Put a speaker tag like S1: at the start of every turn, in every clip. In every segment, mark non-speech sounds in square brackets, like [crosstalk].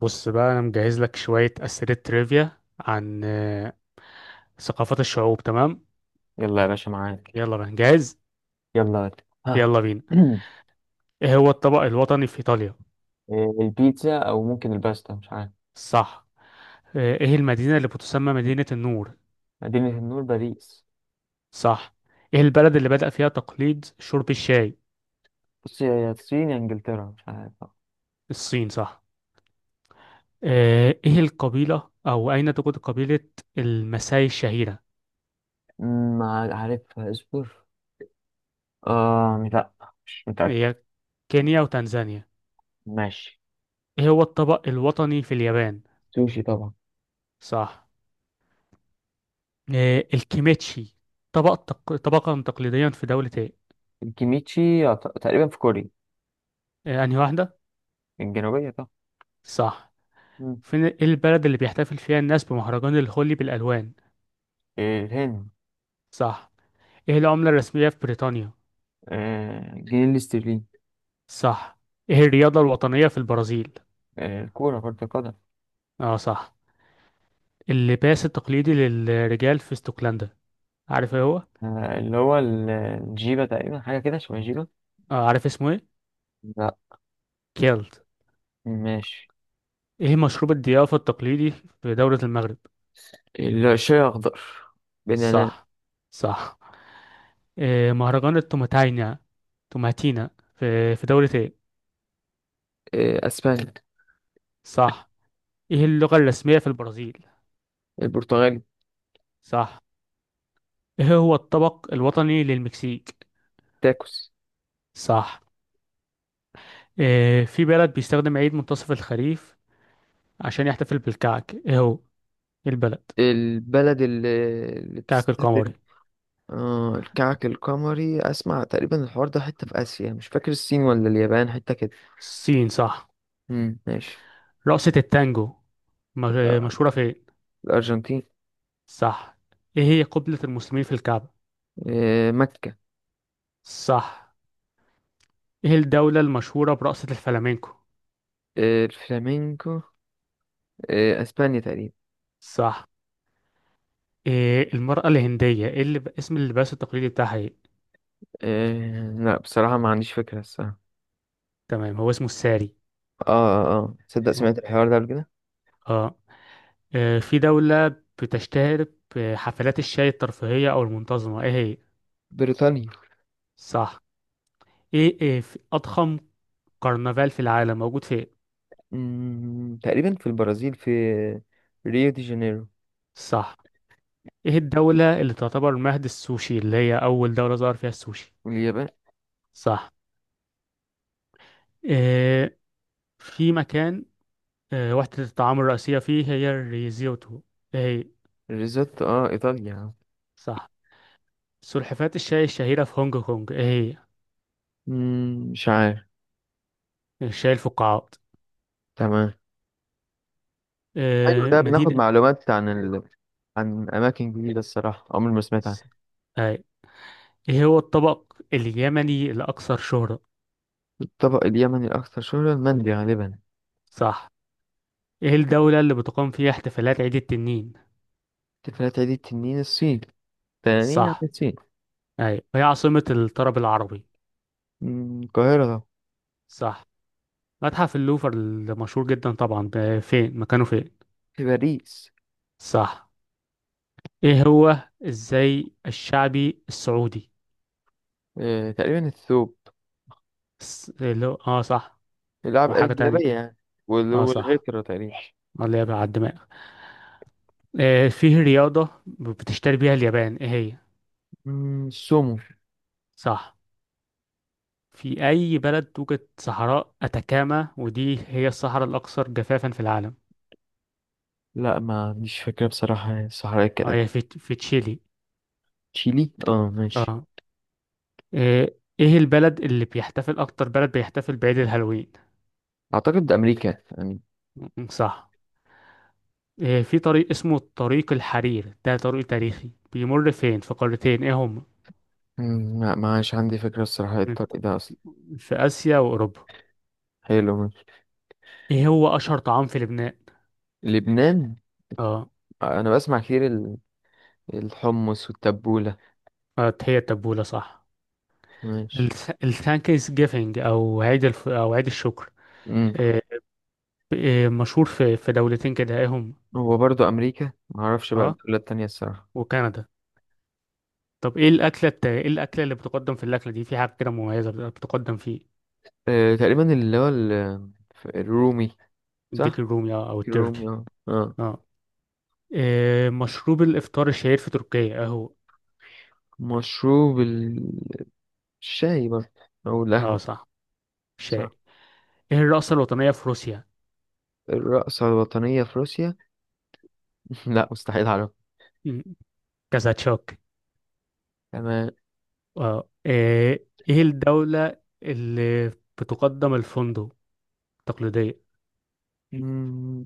S1: بص بقى انا مجهز لك شوية أسئلة تريفيا عن ثقافات الشعوب. تمام.
S2: يلا يا باشا، معاك.
S1: يلا بقى جاهز.
S2: يلا يلا. ها.
S1: يلا بينا.
S2: [clears throat]
S1: ايه هو الطبق الوطني في ايطاليا؟
S2: البيتزا او ممكن الباستا، مش عارف.
S1: صح. ايه المدينة اللي بتسمى مدينة النور؟
S2: مدينة النور باريس.
S1: صح. ايه البلد اللي بدأ فيها تقليد شرب الشاي؟
S2: بص، يا الصين يا انجلترا، مش عارف.
S1: الصين، صح. ايه القبيلة او اين توجد قبيلة المساي الشهيرة؟
S2: عارفها اصبر. لا، مش متأكد.
S1: هي كينيا وتنزانيا.
S2: ماشي.
S1: ايه هو الطبق الوطني في اليابان؟
S2: سوشي طبعا.
S1: صح. الكيميتشي طبقا تقليديا في دولة ايه؟
S2: الكيميتشي تقريبا في كوريا.
S1: أنهي واحدة؟
S2: الجنوبية طبعا.
S1: صح.
S2: مم.
S1: فين إيه البلد اللي بيحتفل فيها الناس بمهرجان الهولي بالألوان؟
S2: الهند.
S1: صح. ايه العملة الرسمية في بريطانيا؟
S2: الجنيه الاسترليني.
S1: صح. ايه الرياضة الوطنية في البرازيل؟
S2: الكورة كرة القدم.
S1: اه صح. اللباس التقليدي للرجال في اسكتلندا، عارف ايه هو؟
S2: اللي هو الجيبة، تقريبا حاجة كده، شوية جيبة.
S1: اه عارف اسمه ايه؟
S2: لا.
S1: كيلت.
S2: ماشي.
S1: ايه مشروب الضيافة التقليدي في دولة المغرب؟
S2: الشاي أخضر. بنانات.
S1: صح. صح. إيه مهرجان التوماتينا، توماتينا في دولة ايه؟
S2: أسبانيا.
S1: صح. ايه اللغة الرسمية في البرازيل؟
S2: البرتغال.
S1: صح. ايه هو الطبق الوطني للمكسيك؟
S2: تاكوس.
S1: صح. إيه في بلد بيستخدم عيد منتصف الخريف عشان يحتفل بالكعك، ايه هو؟ إيه البلد؟
S2: البلد اللي
S1: كعك
S2: بتستخدم.
S1: القمري.
S2: آه، الكعك القمري، أسمع تقريبا الحوار ده حتة في آسيا، مش فاكر الصين ولا اليابان، حتة كده.
S1: الصين، صح.
S2: ماشي.
S1: رقصة التانجو، مشهورة فين؟
S2: الأرجنتين.
S1: صح. ايه هي قبلة المسلمين في الكعبة؟
S2: آه، مكة.
S1: صح. ايه الدولة المشهورة برقصة الفلامينكو؟
S2: آه، الفلامينكو. آه، أسبانيا تقريبا.
S1: صح. إيه المرأة الهندية، ايه اللي اسم اللباس التقليدي بتاعها ايه؟
S2: لا، بصراحة ما عنديش فكرة الصراحة.
S1: تمام، هو اسمه الساري.
S2: تصدق سمعت الحوار ده قبل كده.
S1: اه. في دولة بتشتهر بحفلات الشاي الترفيهية أو المنتظمة، إيه هي؟
S2: بريطانيا.
S1: صح. إيه في أضخم كرنفال في العالم موجود فين؟
S2: تقريبا في البرازيل، في ريو دي جانيرو.
S1: صح. إيه الدولة اللي تعتبر مهد السوشي، اللي هي أول دولة ظهر فيها السوشي؟
S2: واليابان.
S1: صح. إيه في مكان، إيه وحدة الطعام الرئيسية فيه هي الريزيوتو، إيه هي؟
S2: الريزوتو، اه ايطاليا.
S1: صح. سلحفاة الشاي الشهيرة في هونج كونج، إيه هي؟
S2: مش عارف.
S1: الشاي الفقاعات.
S2: تمام. حلو،
S1: إيه
S2: ده بناخد
S1: مدينة.
S2: معلومات عن عن اماكن جديده الصراحه، عمري ما سمعت عنها.
S1: أي. ايه هو الطبق اليمني الأكثر شهرة؟
S2: الطبق اليمني الاكثر شهره المندي غالبا.
S1: صح. ايه الدولة اللي بتقام فيها احتفالات عيد التنين؟
S2: احتفالات عيد التنين الصين. تنانين عن
S1: صح.
S2: الصين.
S1: ايوه هي عاصمة الطرب العربي؟
S2: القاهره طبعا.
S1: صح. متحف اللوفر المشهور جدا طبعا، ده فين مكانه، فين؟
S2: في باريس.
S1: صح. ايه هو الزي الشعبي السعودي؟
S2: تقريبا الثوب.
S1: اللي هو اه صح.
S2: العب
S1: وحاجة تانية.
S2: الجلابيه يعني.
S1: اه صح،
S2: والغترة تقريبا.
S1: اللي هي على الدماغ. آه فيه رياضة بتشتري بيها اليابان، ايه هي؟
S2: السومو.
S1: صح. في أي بلد توجد صحراء أتاكاما، ودي هي الصحراء الأكثر جفافا في العالم؟
S2: لا، ما عنديش فكره بصراحه، الصحراء
S1: اه
S2: كانت.
S1: هي في تشيلي.
S2: تشيلي، اه ماشي.
S1: اه. إيه البلد اللي بيحتفل أكتر، بلد بيحتفل بعيد الهالوين؟
S2: اعتقد امريكا.
S1: صح. إيه في طريق اسمه طريق الحرير، ده طريق تاريخي بيمر فين في قارتين، إيه هم؟
S2: لا معاش عندي فكرة الصراحة، إيه الطريق ده أصلا.
S1: في آسيا وأوروبا.
S2: حلو ماشي.
S1: إيه هو أشهر طعام في لبنان؟
S2: لبنان.
S1: اه.
S2: أنا بسمع كتير الحمص والتبولة.
S1: هي التبولة، صح.
S2: ماشي.
S1: الثانكس جيفينج أو أو عيد الشكر،
S2: مم.
S1: إيه، إيه مشهور في دولتين كده، إيه هم؟
S2: هو برضو أمريكا، معرفش بقى
S1: اه،
S2: الدولة التانية الصراحة.
S1: وكندا. طب ايه ايه الاكله اللي بتقدم في الاكله دي، في حاجه كده مميزه بتقدم فيه؟
S2: تقريبا اللي هو الرومي.
S1: الديك
S2: صح؟
S1: الرومي اه، او
S2: الرومي
S1: التركي.
S2: اه اه
S1: اه. إيه مشروب الافطار الشهير في تركيا اهو؟
S2: مشروب الشاي برضه، أو
S1: اه
S2: القهوة.
S1: صح،
S2: صح.
S1: شاي. ايه الرقصه الوطنيه في روسيا؟
S2: الرقصة الوطنية في روسيا. [laughs] لا، مستحيل أعرف.
S1: مم، كازاتشوك.
S2: تمام.
S1: اه ايه الدوله اللي بتقدم الفندق التقليديه؟
S2: مم،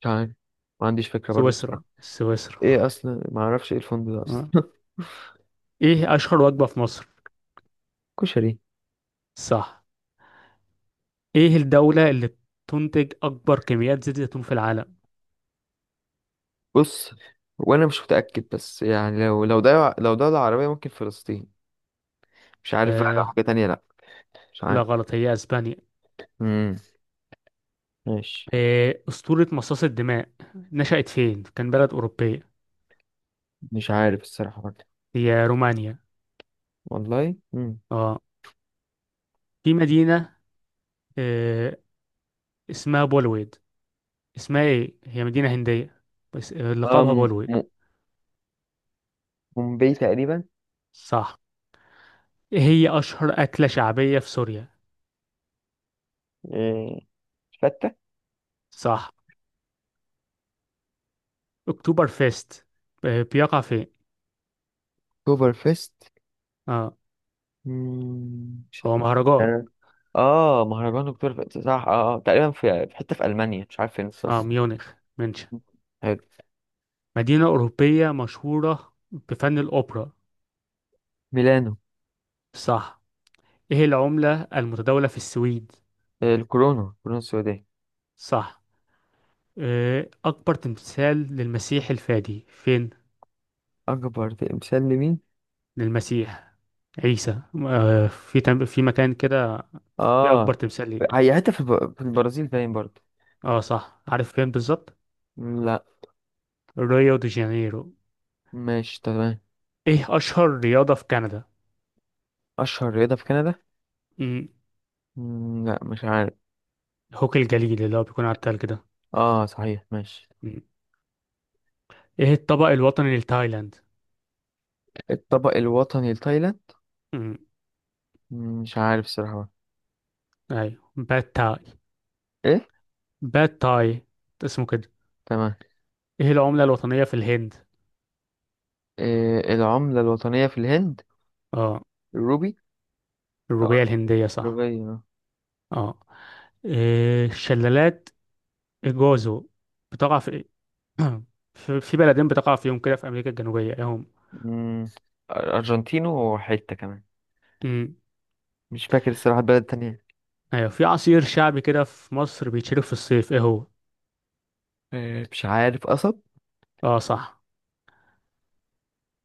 S2: مش عارف. ما عنديش فكرة برضو
S1: سويسرا،
S2: الصراحة.
S1: سويسرا.
S2: ايه اصلا، ما اعرفش ايه الفندق ده
S1: اه.
S2: اصلا.
S1: ايه اشهر وجبه في مصر؟
S2: كشري.
S1: صح. ايه الدوله اللي بتنتج اكبر كميات زيت زيتون في العالم؟
S2: بص، وانا مش متأكد، بس يعني لو ده العربية ممكن فلسطين. مش عارف بقى، لو
S1: آه،
S2: حاجة تانية لا. مش
S1: لا
S2: عارف.
S1: غلط، هي اسبانيا.
S2: امم ماشي.
S1: إيه، اسطورة مصاص الدماء نشأت فين، كان بلد اوروبية؟
S2: مش عارف الصراحة برضه.
S1: هي رومانيا.
S2: والله.
S1: اه. في مدينة، إيه، اسمها بولويد، اسمها ايه، هي مدينة هندية بس لقبها
S2: أم
S1: بولويد.
S2: م- مومباي تقريبا.
S1: صح. إيه هي اشهر اكلة شعبية في سوريا؟
S2: إيه، فتة.
S1: صح. اكتوبر فيست، بيقع فين؟
S2: اكتوبر فيست.
S1: اه،
S2: مش
S1: هو مهرجان.
S2: آه آه، مهرجان اكتوبر فيست، صح. تقريبا في حتة في ألمانيا، مش عارف فين الصراحة.
S1: اه ميونخ، منشن.
S2: حلو.
S1: مدينة أوروبية مشهورة بفن الأوبرا؟
S2: ميلانو.
S1: صح. ايه العملة المتداولة في السويد؟
S2: الكورونا الكورونا السوداء.
S1: صح. أكبر تمثال للمسيح الفادي فين؟
S2: أكبر تمثال لمين؟
S1: للمسيح عيسى، في مكان كده في أكبر
S2: اه،
S1: تمثال ليه.
S2: هي حتة في في البرازيل باين برضه.
S1: اه صح، عارف فين بالظبط؟
S2: لا.
S1: ريو دي جانيرو.
S2: ماشي تمام.
S1: ايه أشهر رياضة في كندا؟
S2: أشهر رياضة في كندا.
S1: مم.
S2: لا مش عارف.
S1: هوكي الجليد، اللي هو بيكون على التلج ده.
S2: اه صحيح ماشي.
S1: مم. ايه الطبق الوطني لتايلاند؟
S2: الطبق الوطني لتايلاند.
S1: مم.
S2: مش عارف الصراحة.
S1: أيوه، باد تاي.
S2: ايه.
S1: باد تاي، اسمه كده.
S2: تمام.
S1: ايه العملة الوطنية في الهند؟
S2: إيه العملة الوطنية في الهند؟
S1: اه.
S2: الروبي، أو
S1: الروبية الهندية، صح.
S2: الروبية.
S1: اه. إيه الشلالات إيجوازو بتقع في [clears throat] في بلدين بتقع فيهم كده في أمريكا الجنوبية، إيه هم؟
S2: مم، أرجنتينو وحتة كمان.
S1: مم.
S2: مش فاكر الصراحة البلد التانية.
S1: أيوة. في عصير شعبي كده في مصر بيتشرب في الصيف، إيه هو؟
S2: إيه، مش عارف، قصب.
S1: آه صح.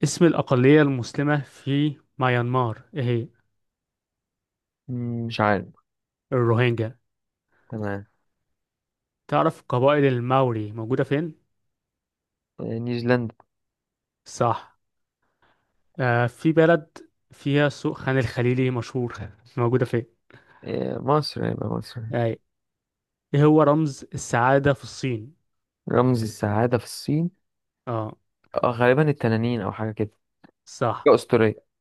S1: اسم الأقلية المسلمة في ميانمار، إيه هي؟
S2: مش عارف.
S1: الروهينجا.
S2: تمام.
S1: تعرف قبائل الماوري موجودة فين؟
S2: إيه، نيوزيلندا.
S1: صح. آه في بلد فيها سوق خان الخليلي مشهور [laughs] موجودة فين؟
S2: إيه، مصر، يبقى مصر.
S1: أي. إيه هو رمز السعادة في الصين؟
S2: رمز السعادة في الصين،
S1: آه
S2: اه غالبا التنانين او حاجه كده،
S1: صح.
S2: حاجه اسطوريه.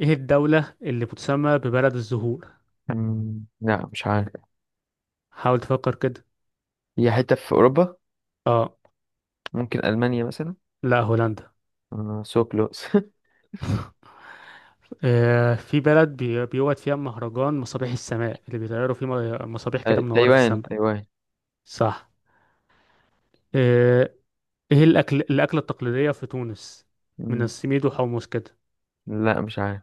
S1: إيه الدولة اللي بتسمى ببلد الزهور؟
S2: لا مش عارف.
S1: حاول تفكر كده.
S2: هي حته في اوروبا،
S1: اه،
S2: ممكن المانيا مثلا.
S1: لا هولندا.
S2: سو كلوز.
S1: آه في بلد بيوجد فيها مهرجان مصابيح السماء اللي بيطيروا فيه مصابيح كده
S2: [laughs]
S1: منورة في
S2: تايوان
S1: السماء؟
S2: تايوان.
S1: صح. آه ايه الاكلة التقليدية في تونس، من
S2: مم،
S1: السميد وحمص كده؟
S2: لا مش عارف.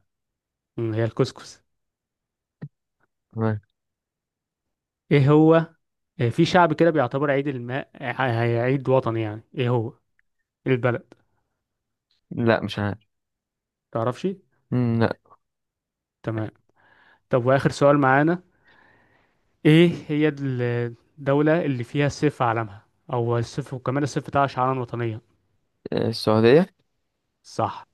S1: هي الكسكس.
S2: تمام.
S1: ايه هو؟ آه في شعب كده بيعتبر عيد الماء عيد وطني يعني، ايه هو؟ إيه البلد؟
S2: لا مش عارف.
S1: تعرفش؟
S2: لا.
S1: تمام. طب واخر سؤال معانا، ايه هي الدولة اللي فيها السيف في علمها، او السيف، وكمان السيف بتاعها شعارا وطنيا؟
S2: آه، السعوديه.
S1: صح.